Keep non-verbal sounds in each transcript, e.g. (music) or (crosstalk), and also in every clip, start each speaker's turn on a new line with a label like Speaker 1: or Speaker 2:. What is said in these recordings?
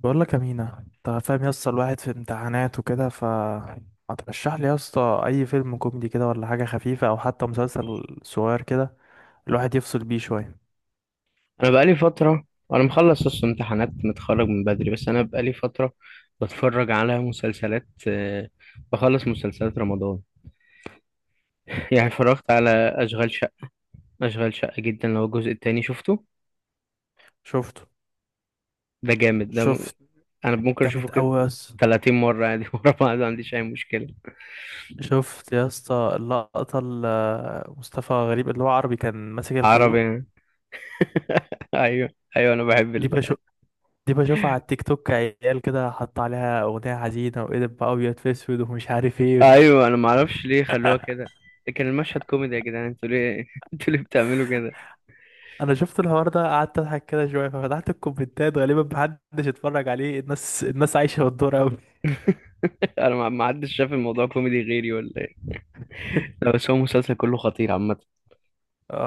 Speaker 1: بقول لك يا مينا، انت فاهم يا اسطى. الواحد في امتحانات وكده، ف ما ترشح لي يا اسطى اي فيلم كوميدي كده ولا حاجه خفيفه او حتى مسلسل صغير كده، الواحد يفصل بيه شويه.
Speaker 2: انا بقالي فتره انا مخلص اصلا امتحانات، متخرج من بدري. بس انا بقالي فتره بتفرج على مسلسلات. بخلص مسلسلات رمضان. (laughs) يعني اتفرجت على اشغال شقه اشغال شقه جدا، اللي هو الجزء التاني شفته.
Speaker 1: شفته.
Speaker 2: ده جامد.
Speaker 1: شفت.
Speaker 2: انا ممكن اشوفه
Speaker 1: جامد
Speaker 2: كده
Speaker 1: قوي يا اسطى.
Speaker 2: 30 مره عادي (laughs) ورا بعض، ما عنديش اي مشكله.
Speaker 1: شفت يا اسطى اللقطه اللي مصطفى غريب اللي هو عربي كان ماسك
Speaker 2: عربي
Speaker 1: الخازوق؟
Speaker 2: يعني. (laughs) ايوه. ايوه انا بحب
Speaker 1: دي بشوف. دي بشوفها على التيك توك، عيال كده حط عليها اغنيه حزينه وقلب بقى ابيض في اسود ومش عارف ايه.
Speaker 2: ايوه انا ما اعرفش ليه خلوها كده. كان المشهد كوميدي يا جدعان، انتوا ليه (laughs) انتوا ليه بتعملوا كده؟
Speaker 1: انا شفت الحوار ده قعدت اضحك كده شويه، ففتحت الكومنتات غالبا محدش اتفرج عليه، الناس الناس عايشه بالدور قوي.
Speaker 2: (laughs) انا ما حدش شاف الموضوع كوميدي غيري، ولا؟ لا،
Speaker 1: (laughs)
Speaker 2: بس هو المسلسل كله خطير عامة.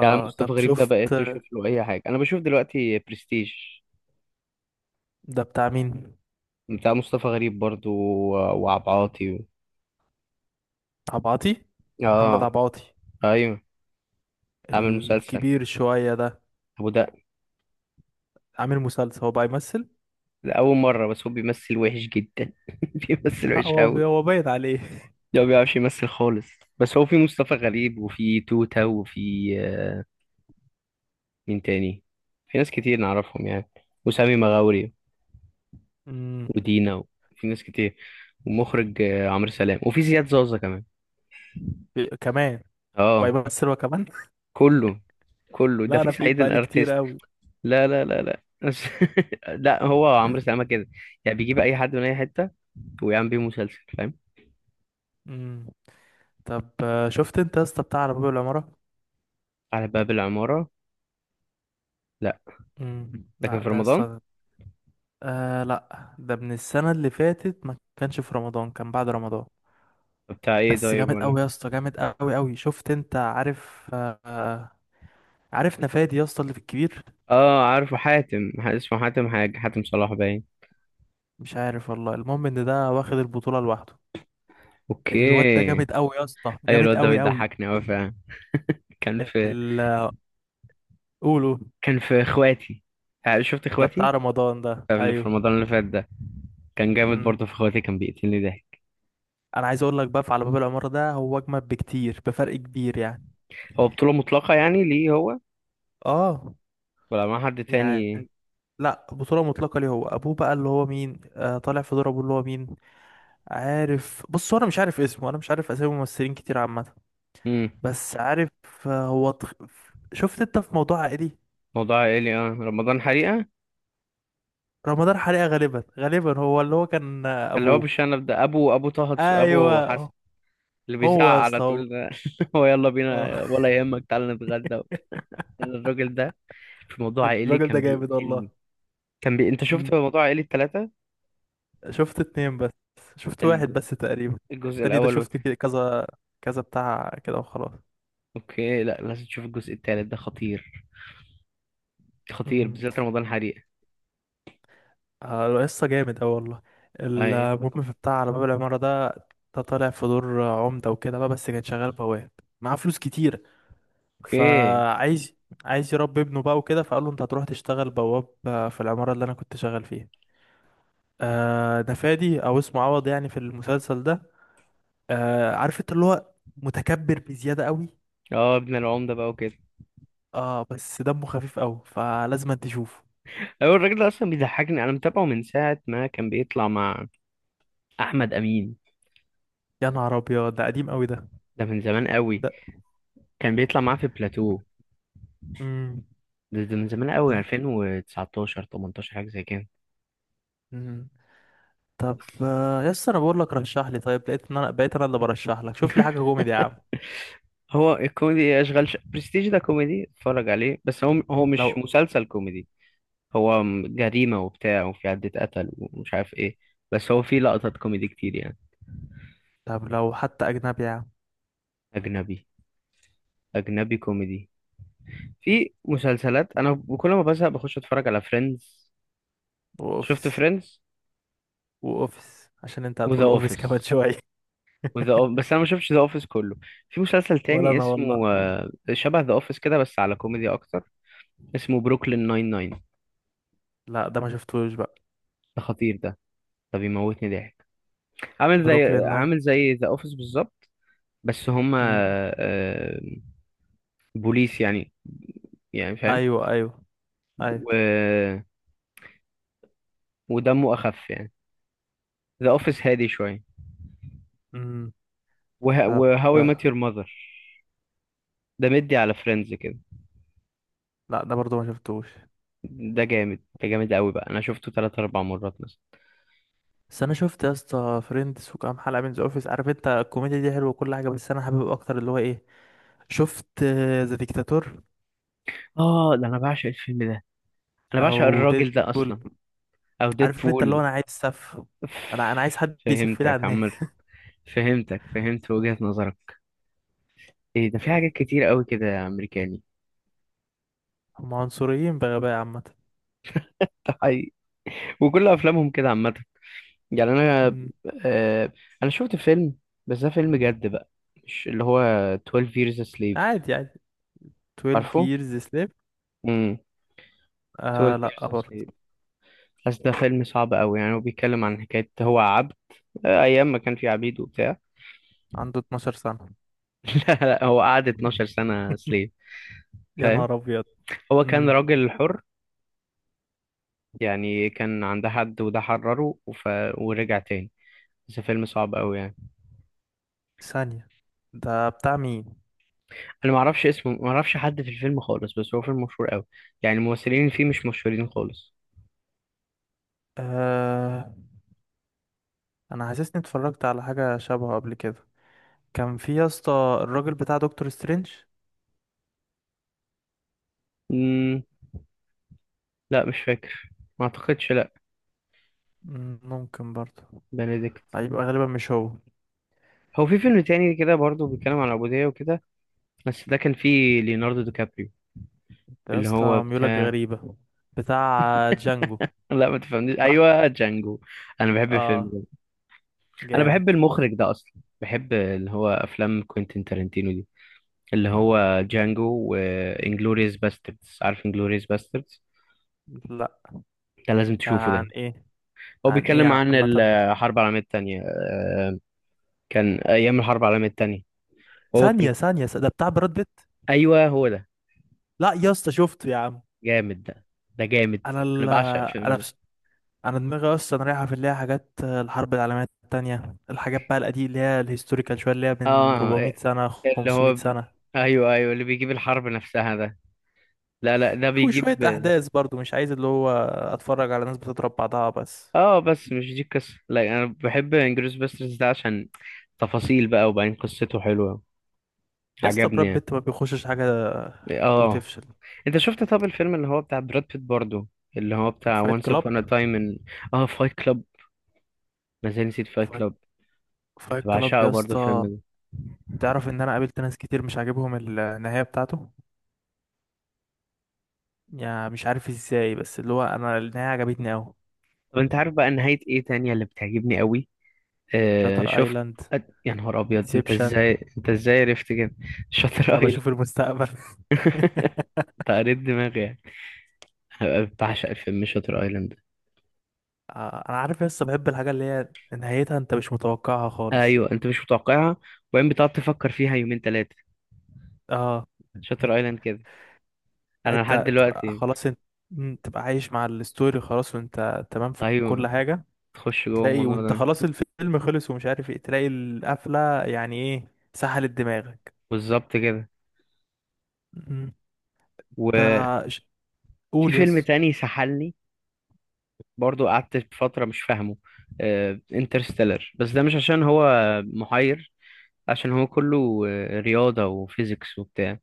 Speaker 2: يعني
Speaker 1: طب
Speaker 2: مصطفى غريب ده
Speaker 1: شفت؟
Speaker 2: بقيت أشوف له أي حاجة. أنا بشوف دلوقتي برستيج،
Speaker 1: ده بتاع مين؟
Speaker 2: بتاع مصطفى غريب برضو وعبد العاطي
Speaker 1: عبعاطي، محمد
Speaker 2: آه.
Speaker 1: عبعاطي،
Speaker 2: أيوه. عامل مسلسل
Speaker 1: الكبير شويه ده؟
Speaker 2: أبو ده.
Speaker 1: عامل مسلسل هو بقى يمثل؟
Speaker 2: ده أول مرة بس هو بيمثل وحش جدا. (laughs) بيمثل
Speaker 1: لا
Speaker 2: وحش
Speaker 1: هو
Speaker 2: أوي.
Speaker 1: هو باين عليه.
Speaker 2: ده ما بيعرفش يمثل خالص. بس هو في مصطفى غريب وفي توتة وفي مين تاني؟ في ناس كتير نعرفهم يعني، وسامي مغاوري
Speaker 1: (laughs) امم
Speaker 2: ودينا، وفي ناس كتير. ومخرج عمرو سلام، وفي زياد زازا كمان.
Speaker 1: كمان بقى
Speaker 2: اه.
Speaker 1: يمثل هو كمان. (laughs)
Speaker 2: كله كله ده
Speaker 1: لا، انا
Speaker 2: في
Speaker 1: بعيد
Speaker 2: سعيد
Speaker 1: بقالي كتير
Speaker 2: الارتيست.
Speaker 1: قوي.
Speaker 2: لا لا لا لا (laughs) لا، هو عمرو سلامه كده، يعني بيجيب اي حد من اي حته ويعمل بيه مسلسل، فاهم.
Speaker 1: امم طب شفت انت يا اسطى بتاع على باب العماره؟
Speaker 2: على باب العماره. لا.
Speaker 1: لا
Speaker 2: لكن في
Speaker 1: ده يا
Speaker 2: رمضان؟
Speaker 1: اسطى. آه لا، ده من السنة اللي فاتت، ما كانش في رمضان، كان بعد رمضان.
Speaker 2: بتاع ايه
Speaker 1: بس
Speaker 2: طيب
Speaker 1: جامد
Speaker 2: ولا؟
Speaker 1: قوي يا اسطى، جامد قوي قوي. شفت انت؟ عارف عارف نفادي يا اسطى اللي في الكبير؟
Speaker 2: اه، عارفه حاتم. اسمه حاتم حاجه، حاتم صلاح باين.
Speaker 1: مش عارف والله. المهم ان ده واخد البطولة لوحده. الواد ده
Speaker 2: اوكي.
Speaker 1: جامد قوي يا اسطى،
Speaker 2: ايوه
Speaker 1: جامد
Speaker 2: الواد ده
Speaker 1: قوي قوي.
Speaker 2: بيضحكني قوي فعلا. كان في
Speaker 1: ال... قولوا.
Speaker 2: كان في اخواتي. شفت
Speaker 1: ده بتاع
Speaker 2: اخواتي
Speaker 1: رمضان ده،
Speaker 2: اللي في
Speaker 1: ايوه.
Speaker 2: رمضان اللي فات ده؟ كان جامد
Speaker 1: مم.
Speaker 2: برضه، في اخواتي كان بيقتلني ضحك.
Speaker 1: انا عايز اقول لك بقى، في على باب العمارة ده هو اجمد بكتير بفرق كبير يعني.
Speaker 2: هو بطوله مطلقه يعني ليه هو؟
Speaker 1: اه.
Speaker 2: ولا مع حد تاني؟
Speaker 1: يعني لا، بطولة مطلقة ليه هو. أبوه بقى اللي هو مين، طالع في دور أبوه اللي هو مين. عارف، بص هو، أنا مش عارف اسمه، أنا مش عارف أسامي ممثلين كتير عامة.
Speaker 2: مم.
Speaker 1: بس عارف. آه هو تخ... شفت أنت في موضوع عائلي؟
Speaker 2: موضوع عائلي. اه رمضان حريقة.
Speaker 1: رمضان حريقة غالبا غالبا هو اللي هو كان
Speaker 2: اللي هو
Speaker 1: أبوه.
Speaker 2: بالشنب ده، أبو أبو حسن.
Speaker 1: أيوه.
Speaker 2: اللي
Speaker 1: هو
Speaker 2: بيزعق
Speaker 1: يا
Speaker 2: على
Speaker 1: اسطى هو،
Speaker 2: طول ده. (laughs) هو يلا
Speaker 1: آه،
Speaker 2: بينا، ولا يهمك تعالى نتغدى وبتاع. الراجل ده في موضوع
Speaker 1: (laughs)
Speaker 2: عائلي
Speaker 1: الراجل ده
Speaker 2: كان
Speaker 1: جامد والله.
Speaker 2: بيقتلني. أنت
Speaker 1: مم.
Speaker 2: شفت موضوع عائلي التلاتة؟
Speaker 1: شفت اتنين بس، شفت
Speaker 2: الج-
Speaker 1: واحد بس تقريبا.
Speaker 2: الجزء
Speaker 1: التاني ده
Speaker 2: الأول
Speaker 1: شفت
Speaker 2: والتاني.
Speaker 1: كده كذا كذا بتاع كده وخلاص.
Speaker 2: أوكي، لا لازم تشوف الجزء التالت ده خطير. خطير،
Speaker 1: مم.
Speaker 2: بالذات رمضان حريقة.
Speaker 1: آه، قصة جامد أوي والله.
Speaker 2: أي.
Speaker 1: المهم في بتاع على باب العمارة ده، ده طالع في دور عمدة وكده بقى، بس كان شغال بواب، معاه فلوس كتير.
Speaker 2: أوكي.
Speaker 1: فعايز، عايز يربي ابنه بقى وكده، فقال له انت هتروح تشتغل بواب في العمارة اللي انا كنت شغال فيها. آه ده فادي او اسمه عوض يعني في المسلسل ده. آه عارف انت اللي هو متكبر بزيادة قوي.
Speaker 2: اه ابن العمدة بقى وكده.
Speaker 1: اه، بس دمه خفيف قوي فلازم تشوفه.
Speaker 2: أيوة الراجل ده أصلا بيضحكني، أنا متابعه من ساعة ما كان بيطلع مع أحمد أمين.
Speaker 1: يا نهار ابيض، ده قديم قوي ده.
Speaker 2: ده من زمان قوي،
Speaker 1: ده.
Speaker 2: كان بيطلع معاه في بلاتو.
Speaker 1: مم.
Speaker 2: ده من زمان قوي، 2019، 18، حاجة زي كده.
Speaker 1: ده. طب يس، انا بقول لك رشح لي، طيب لقيت ان انا بقيت انا اللي برشح لك، شوف لي حاجه كوميدي يا عم.
Speaker 2: (laughs) هو الكوميدي إيه؟ برستيج ده كوميدي، اتفرج عليه، بس هو مش
Speaker 1: لو،
Speaker 2: مسلسل كوميدي. جريمة وبتاع وفي عدة قتل ومش عارف ايه. بس هو في لقطات كوميدي كتير يعني.
Speaker 1: طب لو حتى اجنبي يا عم.
Speaker 2: اجنبي. اجنبي كوميدي. في مسلسلات انا كل ما بزهق بخش اتفرج على فريندز. شفت
Speaker 1: واوفيس.
Speaker 2: فريندز
Speaker 1: واوفيس عشان انت
Speaker 2: وذا
Speaker 1: هتقول اوفيس كمان
Speaker 2: اوفيس.
Speaker 1: شويه. (laughs)
Speaker 2: بس انا ما شفتش ذا اوفيس كله. في مسلسل
Speaker 1: ولا
Speaker 2: تاني
Speaker 1: انا والله.
Speaker 2: اسمه شبه ذا اوفيس كده، بس على كوميدي اكتر. اسمه بروكلين ناين ناين.
Speaker 1: لا ده ما شفتوش بقى.
Speaker 2: ده خطير ده، ده بيموتني ضحك.
Speaker 1: بروكلين ناين.
Speaker 2: عامل زي ذا اوفيس بالظبط. بس هما
Speaker 1: مم.
Speaker 2: آه، بوليس يعني، يعني فاهم.
Speaker 1: ايوه، ايوه. ايوه.
Speaker 2: و... ودمه اخف يعني، ذا اوفيس هادي شويه.
Speaker 1: مم. طب
Speaker 2: وهاو اي مات
Speaker 1: آه،
Speaker 2: يور ماذر. ده مدي على فريندز كده.
Speaker 1: لا ده برضو ما شفتوش.
Speaker 2: ده جامد، ده جامد قوي بقى، انا شفته ثلاث اربع مرات مثلا.
Speaker 1: بس انا شفت يا اسطى فريندز وكام حلقه من ذا اوفيس، عارف انت الكوميديا دي حلوه وكل حاجه، بس انا حابب اكتر اللي هو ايه. شفت ذا ديكتاتور،
Speaker 2: اه ده انا بعشق الفيلم ده. انا بعشق
Speaker 1: او
Speaker 2: الراجل ده
Speaker 1: ديدبول.
Speaker 2: اصلا. او
Speaker 1: عارف انت اللي هو
Speaker 2: ديدبول.
Speaker 1: انا عايز سف، انا عايز حد يسف لي على
Speaker 2: فهمتك
Speaker 1: الناس.
Speaker 2: عامة. فهمت وجهة نظرك. ايه ده، في حاجات
Speaker 1: (laughs)
Speaker 2: كتير قوي كده يا امريكاني.
Speaker 1: هم عنصريين بغباء عامة.
Speaker 2: (laughs) ده حقيقي. وكل افلامهم كده عامة. يعني انا.
Speaker 1: مم.
Speaker 2: آه انا شفت فيلم، بس ده فيلم جد بقى. مش اللي هو 12 years a slave؟
Speaker 1: عادي، عادي. 12
Speaker 2: عارفه.
Speaker 1: years slave.
Speaker 2: امم.
Speaker 1: آه لا برضه.
Speaker 2: 12 years a slave، بس ده فيلم صعب قوي يعني. هو بيتكلم عن حكاية، هو عبد ايام ما كان في عبيد وبتاع. (laughs)
Speaker 1: عنده 12 سنة.
Speaker 2: لا لا، هو قعد 12 سنة
Speaker 1: (laughs)
Speaker 2: سليف،
Speaker 1: يا
Speaker 2: فاهم.
Speaker 1: نهار ابيض.
Speaker 2: هو كان
Speaker 1: مم.
Speaker 2: راجل حر يعني، كان عند حد وده حرره ورجع تاني. بس فيلم صعب قوي يعني.
Speaker 1: ثانية، ده بتاع مين؟
Speaker 2: انا ما اعرفش اسمه، ما اعرفش حد في الفيلم خالص، بس هو فيلم مشهور قوي. يعني الممثلين اللي فيه مش مشهورين خالص.
Speaker 1: آه، انا حاسسني اتفرجت على حاجة شبهه قبل كده. كان في يا اسطى الراجل بتاع دكتور سترينج.
Speaker 2: مم... لا مش فاكر، ما اعتقدش، لا.
Speaker 1: مم، ممكن برضه.
Speaker 2: بنديكت.
Speaker 1: هيبقى غالبا مش هو.
Speaker 2: هو في فيلم تاني كده برضه بيتكلم عن العبودية وكده، بس ده كان فيه ليوناردو دي كابريو
Speaker 1: ده يا
Speaker 2: اللي هو
Speaker 1: اسطى ميولك
Speaker 2: بتاع.
Speaker 1: غريبة. بتاع جانجو.
Speaker 2: (laughs) لا ما تفهمنيش،
Speaker 1: صح.
Speaker 2: ايوه جانجو. انا بحب
Speaker 1: اه
Speaker 2: الفيلم ده. انا
Speaker 1: جامد.
Speaker 2: بحب المخرج ده اصلا، بحب اللي هو افلام كوينتين تارانتينو دي، اللي هو جانجو وانجلوريوس باستردز. عارف انجلوريوس باستردز؟
Speaker 1: لا.
Speaker 2: ده لازم تشوفه
Speaker 1: عن
Speaker 2: ده.
Speaker 1: ايه؟
Speaker 2: هو
Speaker 1: عن ايه
Speaker 2: بيتكلم عن
Speaker 1: عامة؟
Speaker 2: الحرب العالمية التانية. كان أيام الحرب العالمية التانية. هو كان.
Speaker 1: ثانية، ثانية، ده بتاع براد بيت؟
Speaker 2: أيوه هو ده،
Speaker 1: لا يا اسطى شفته يا عم.
Speaker 2: جامد ده. ده جامد.
Speaker 1: انا
Speaker 2: أنا
Speaker 1: ال...
Speaker 2: بعشق الفيلم
Speaker 1: انا
Speaker 2: ده.
Speaker 1: بس، انا دماغي اصلا رايحة في اللي هي حاجات الحرب العالمية التانية، الحاجات بقى القديمة اللي هي الهيستوريكال شوية اللي هي من
Speaker 2: اه
Speaker 1: 400 سنة
Speaker 2: اللي
Speaker 1: 500
Speaker 2: هو.
Speaker 1: سنة،
Speaker 2: أيوه أيوه اللي بيجيب الحرب نفسها ده. لا لا، ده بيجيب.
Speaker 1: وشوية احداث برضو مش عايز اللي هو اتفرج على ناس بتضرب بعضها بس.
Speaker 2: اه بس مش دي القصة. لا أنا بحب انجلوريوس باستردز ده عشان تفاصيل بقى، وبعدين قصته حلوة.
Speaker 1: يا اسطى
Speaker 2: عجبني
Speaker 1: براد
Speaker 2: يعني.
Speaker 1: بيت ما بيخشش حاجة
Speaker 2: اه.
Speaker 1: وتفشل.
Speaker 2: انت شفت؟ طب الفيلم اللي هو بتاع براد بيت برضو، اللي هو
Speaker 1: فايت
Speaker 2: بتاع Once
Speaker 1: كلاب.
Speaker 2: Upon a Time in. اه فايت كلاب. ما زال نسيت فايت
Speaker 1: فايت،
Speaker 2: كلاب.
Speaker 1: فايت كلاب
Speaker 2: بعشقه
Speaker 1: يا
Speaker 2: برضو الفيلم
Speaker 1: اسطى،
Speaker 2: ده.
Speaker 1: تعرف ان انا قابلت ناس كتير مش عاجبهم النهاية بتاعته؟ يعني مش عارف ازاي، بس اللي هو انا النهاية عجبتني اوي.
Speaker 2: طب انت عارف بقى نهاية ايه تانية اللي بتعجبني قوي؟
Speaker 1: شاتر
Speaker 2: شفت.
Speaker 1: ايلاند.
Speaker 2: يا نهار ابيض،
Speaker 1: انسبشن.
Speaker 2: انت ازاي عرفت كده؟ شاتر
Speaker 1: انا
Speaker 2: ايلاند.
Speaker 1: بشوف المستقبل. (laughs)
Speaker 2: (laughs) انت قريت دماغي يعني. أنا بعشق الفيلم شاتر ايلاند ده.
Speaker 1: انا عارف، لسه بحب الحاجة اللي هي نهايتها انت مش متوقعها خالص.
Speaker 2: ايوه انت مش متوقعها، وبعدين بتقعد تفكر فيها يومين ثلاثة.
Speaker 1: اه.
Speaker 2: شاتر ايلاند كده، انا لحد
Speaker 1: انت تبقى
Speaker 2: دلوقتي.
Speaker 1: خلاص انت، مم، تبقى عايش مع الستوري خلاص وانت تمام في كل
Speaker 2: ايوه،
Speaker 1: حاجة.
Speaker 2: تخش جوه
Speaker 1: وتلاقي
Speaker 2: الموضوع
Speaker 1: وانت
Speaker 2: ده.
Speaker 1: خلاص الفيلم خلص، ومش عارف ايه، تلاقي القفلة يعني ايه، سحلت دماغك.
Speaker 2: بالظبط كده.
Speaker 1: مم، انت ش-
Speaker 2: في
Speaker 1: قول
Speaker 2: فيلم
Speaker 1: يس.
Speaker 2: تاني سحلني، برضو قعدت فترة مش فاهمه، انترستيلر. بس ده مش عشان هو محير، عشان هو كله رياضة وفيزيكس وبتاع.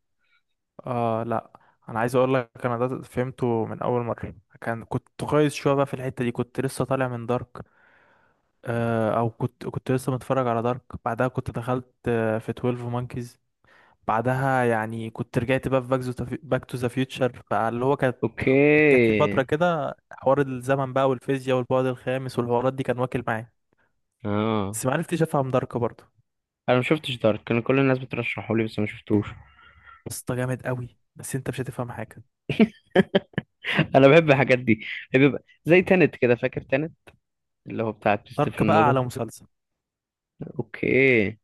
Speaker 1: اه لا، انا عايز اقول لك انا ده فهمته من اول مره. كان كنت كويس شويه بقى في الحته دي، كنت لسه طالع من دارك، او كنت لسه متفرج على دارك، بعدها كنت دخلت في 12 مونكيز، بعدها يعني كنت رجعت بقى في باك تو ذا فيوتشر، بقى اللي هو كانت
Speaker 2: اوكي.
Speaker 1: جات لي فتره كده حوار الزمن بقى والفيزياء والبعد الخامس والحوارات دي كان واكل معايا.
Speaker 2: اه
Speaker 1: بس ما عرفتش افهم دارك برضه.
Speaker 2: انا ما شفتش دارك، كان كل الناس بترشحه لي بس ما شفتوش.
Speaker 1: بس ده جامد قوي، بس انت مش هتفهم حاجه.
Speaker 2: (laughs) انا بحب الحاجات دي. بيبقى زي تانت كده، فاكر تانت؟ اللي هو بتاع
Speaker 1: دارك
Speaker 2: كريستوفر
Speaker 1: بقى
Speaker 2: نولان.
Speaker 1: على مسلسل.
Speaker 2: اوكي.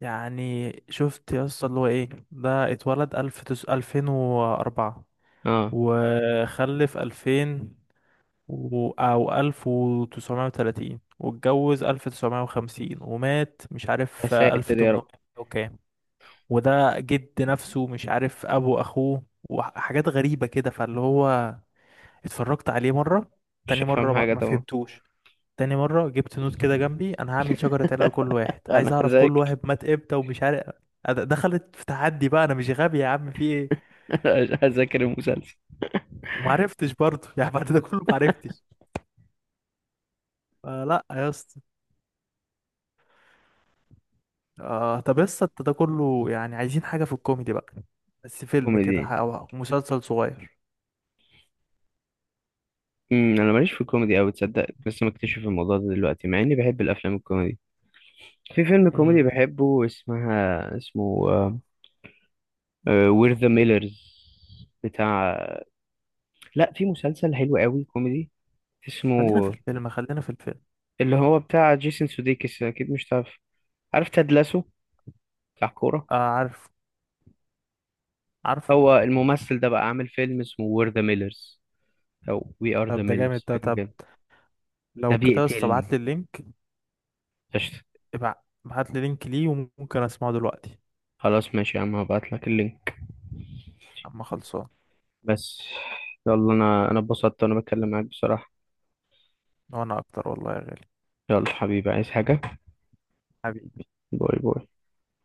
Speaker 1: يعني شفت يا اسطى اللي هو ايه ده، اتولد الف تس...، 2004،
Speaker 2: اه.
Speaker 1: وخلف 2000 و...، او 1930، واتجوز 1950، ومات مش
Speaker 2: يا
Speaker 1: عارف الف
Speaker 2: ساتر يا
Speaker 1: تمنمية
Speaker 2: رب.
Speaker 1: وكام. وده جد نفسه، مش عارف ابو اخوه، وحاجات غريبة كده. فاللي هو اتفرجت عليه مرة،
Speaker 2: مش
Speaker 1: تاني
Speaker 2: هفهم
Speaker 1: مرة ما
Speaker 2: حاجة
Speaker 1: ما
Speaker 2: طبعا.
Speaker 1: فهمتوش. تاني مرة جبت نوت كده جنبي، أنا هعمل
Speaker 2: (laughs)
Speaker 1: شجرة عيلة لكل واحد،
Speaker 2: انا
Speaker 1: عايز أعرف كل
Speaker 2: هذاكر.
Speaker 1: واحد مات إمتى ومش عارف. دخلت في تحدي بقى أنا مش غبي يا عم في إيه.
Speaker 2: (laughs) هذاكر المسلسل.
Speaker 1: ومعرفتش برضه. (laughs) يعني بعد ده كله معرفتش. فلا يا اسطى. آه طب يا اسطى أنت ده كله، يعني عايزين حاجة في الكوميدي بقى، بس فيلم كده
Speaker 2: كوميدي.
Speaker 1: أو مسلسل صغير.
Speaker 2: انا ماليش في الكوميدي قوي، تصدق لسه مكتشف الموضوع ده دلوقتي، مع اني بحب الافلام الكوميدي. في فيلم كوميدي
Speaker 1: مم.
Speaker 2: بحبه اسمه وير ذا ميلرز، بتاع. لا في مسلسل حلو قوي كوميدي،
Speaker 1: خلينا في
Speaker 2: اسمه
Speaker 1: الفيلم، خلينا في الفيلم.
Speaker 2: اللي هو بتاع جيسون سوديكس، اكيد مش تعرف. عارف تاد لاسو؟ بتاع كورة.
Speaker 1: آه عارف، عارف.
Speaker 2: هو الممثل ده بقى عامل فيلم اسمه وير ذا ميلرز او وي ار ذا
Speaker 1: طب ده جامد
Speaker 2: ميلرز،
Speaker 1: ده.
Speaker 2: حاجه
Speaker 1: طب
Speaker 2: كده. ده
Speaker 1: لو كده يا اسطى
Speaker 2: بيقتلني.
Speaker 1: ابعت لي اللينك.
Speaker 2: قشطة.
Speaker 1: ابعت لي لينك ليه وممكن أسمعه دلوقتي.
Speaker 2: خلاص ماشي يا عم، هبعت لك اللينك.
Speaker 1: أما خلصان.
Speaker 2: بس. يلا، انا اتبسطت وانا بتكلم معاك بصراحة.
Speaker 1: وانا اكتر والله يا غالي.
Speaker 2: يلا حبيبي، عايز حاجة؟
Speaker 1: حبيبي.
Speaker 2: باي باي.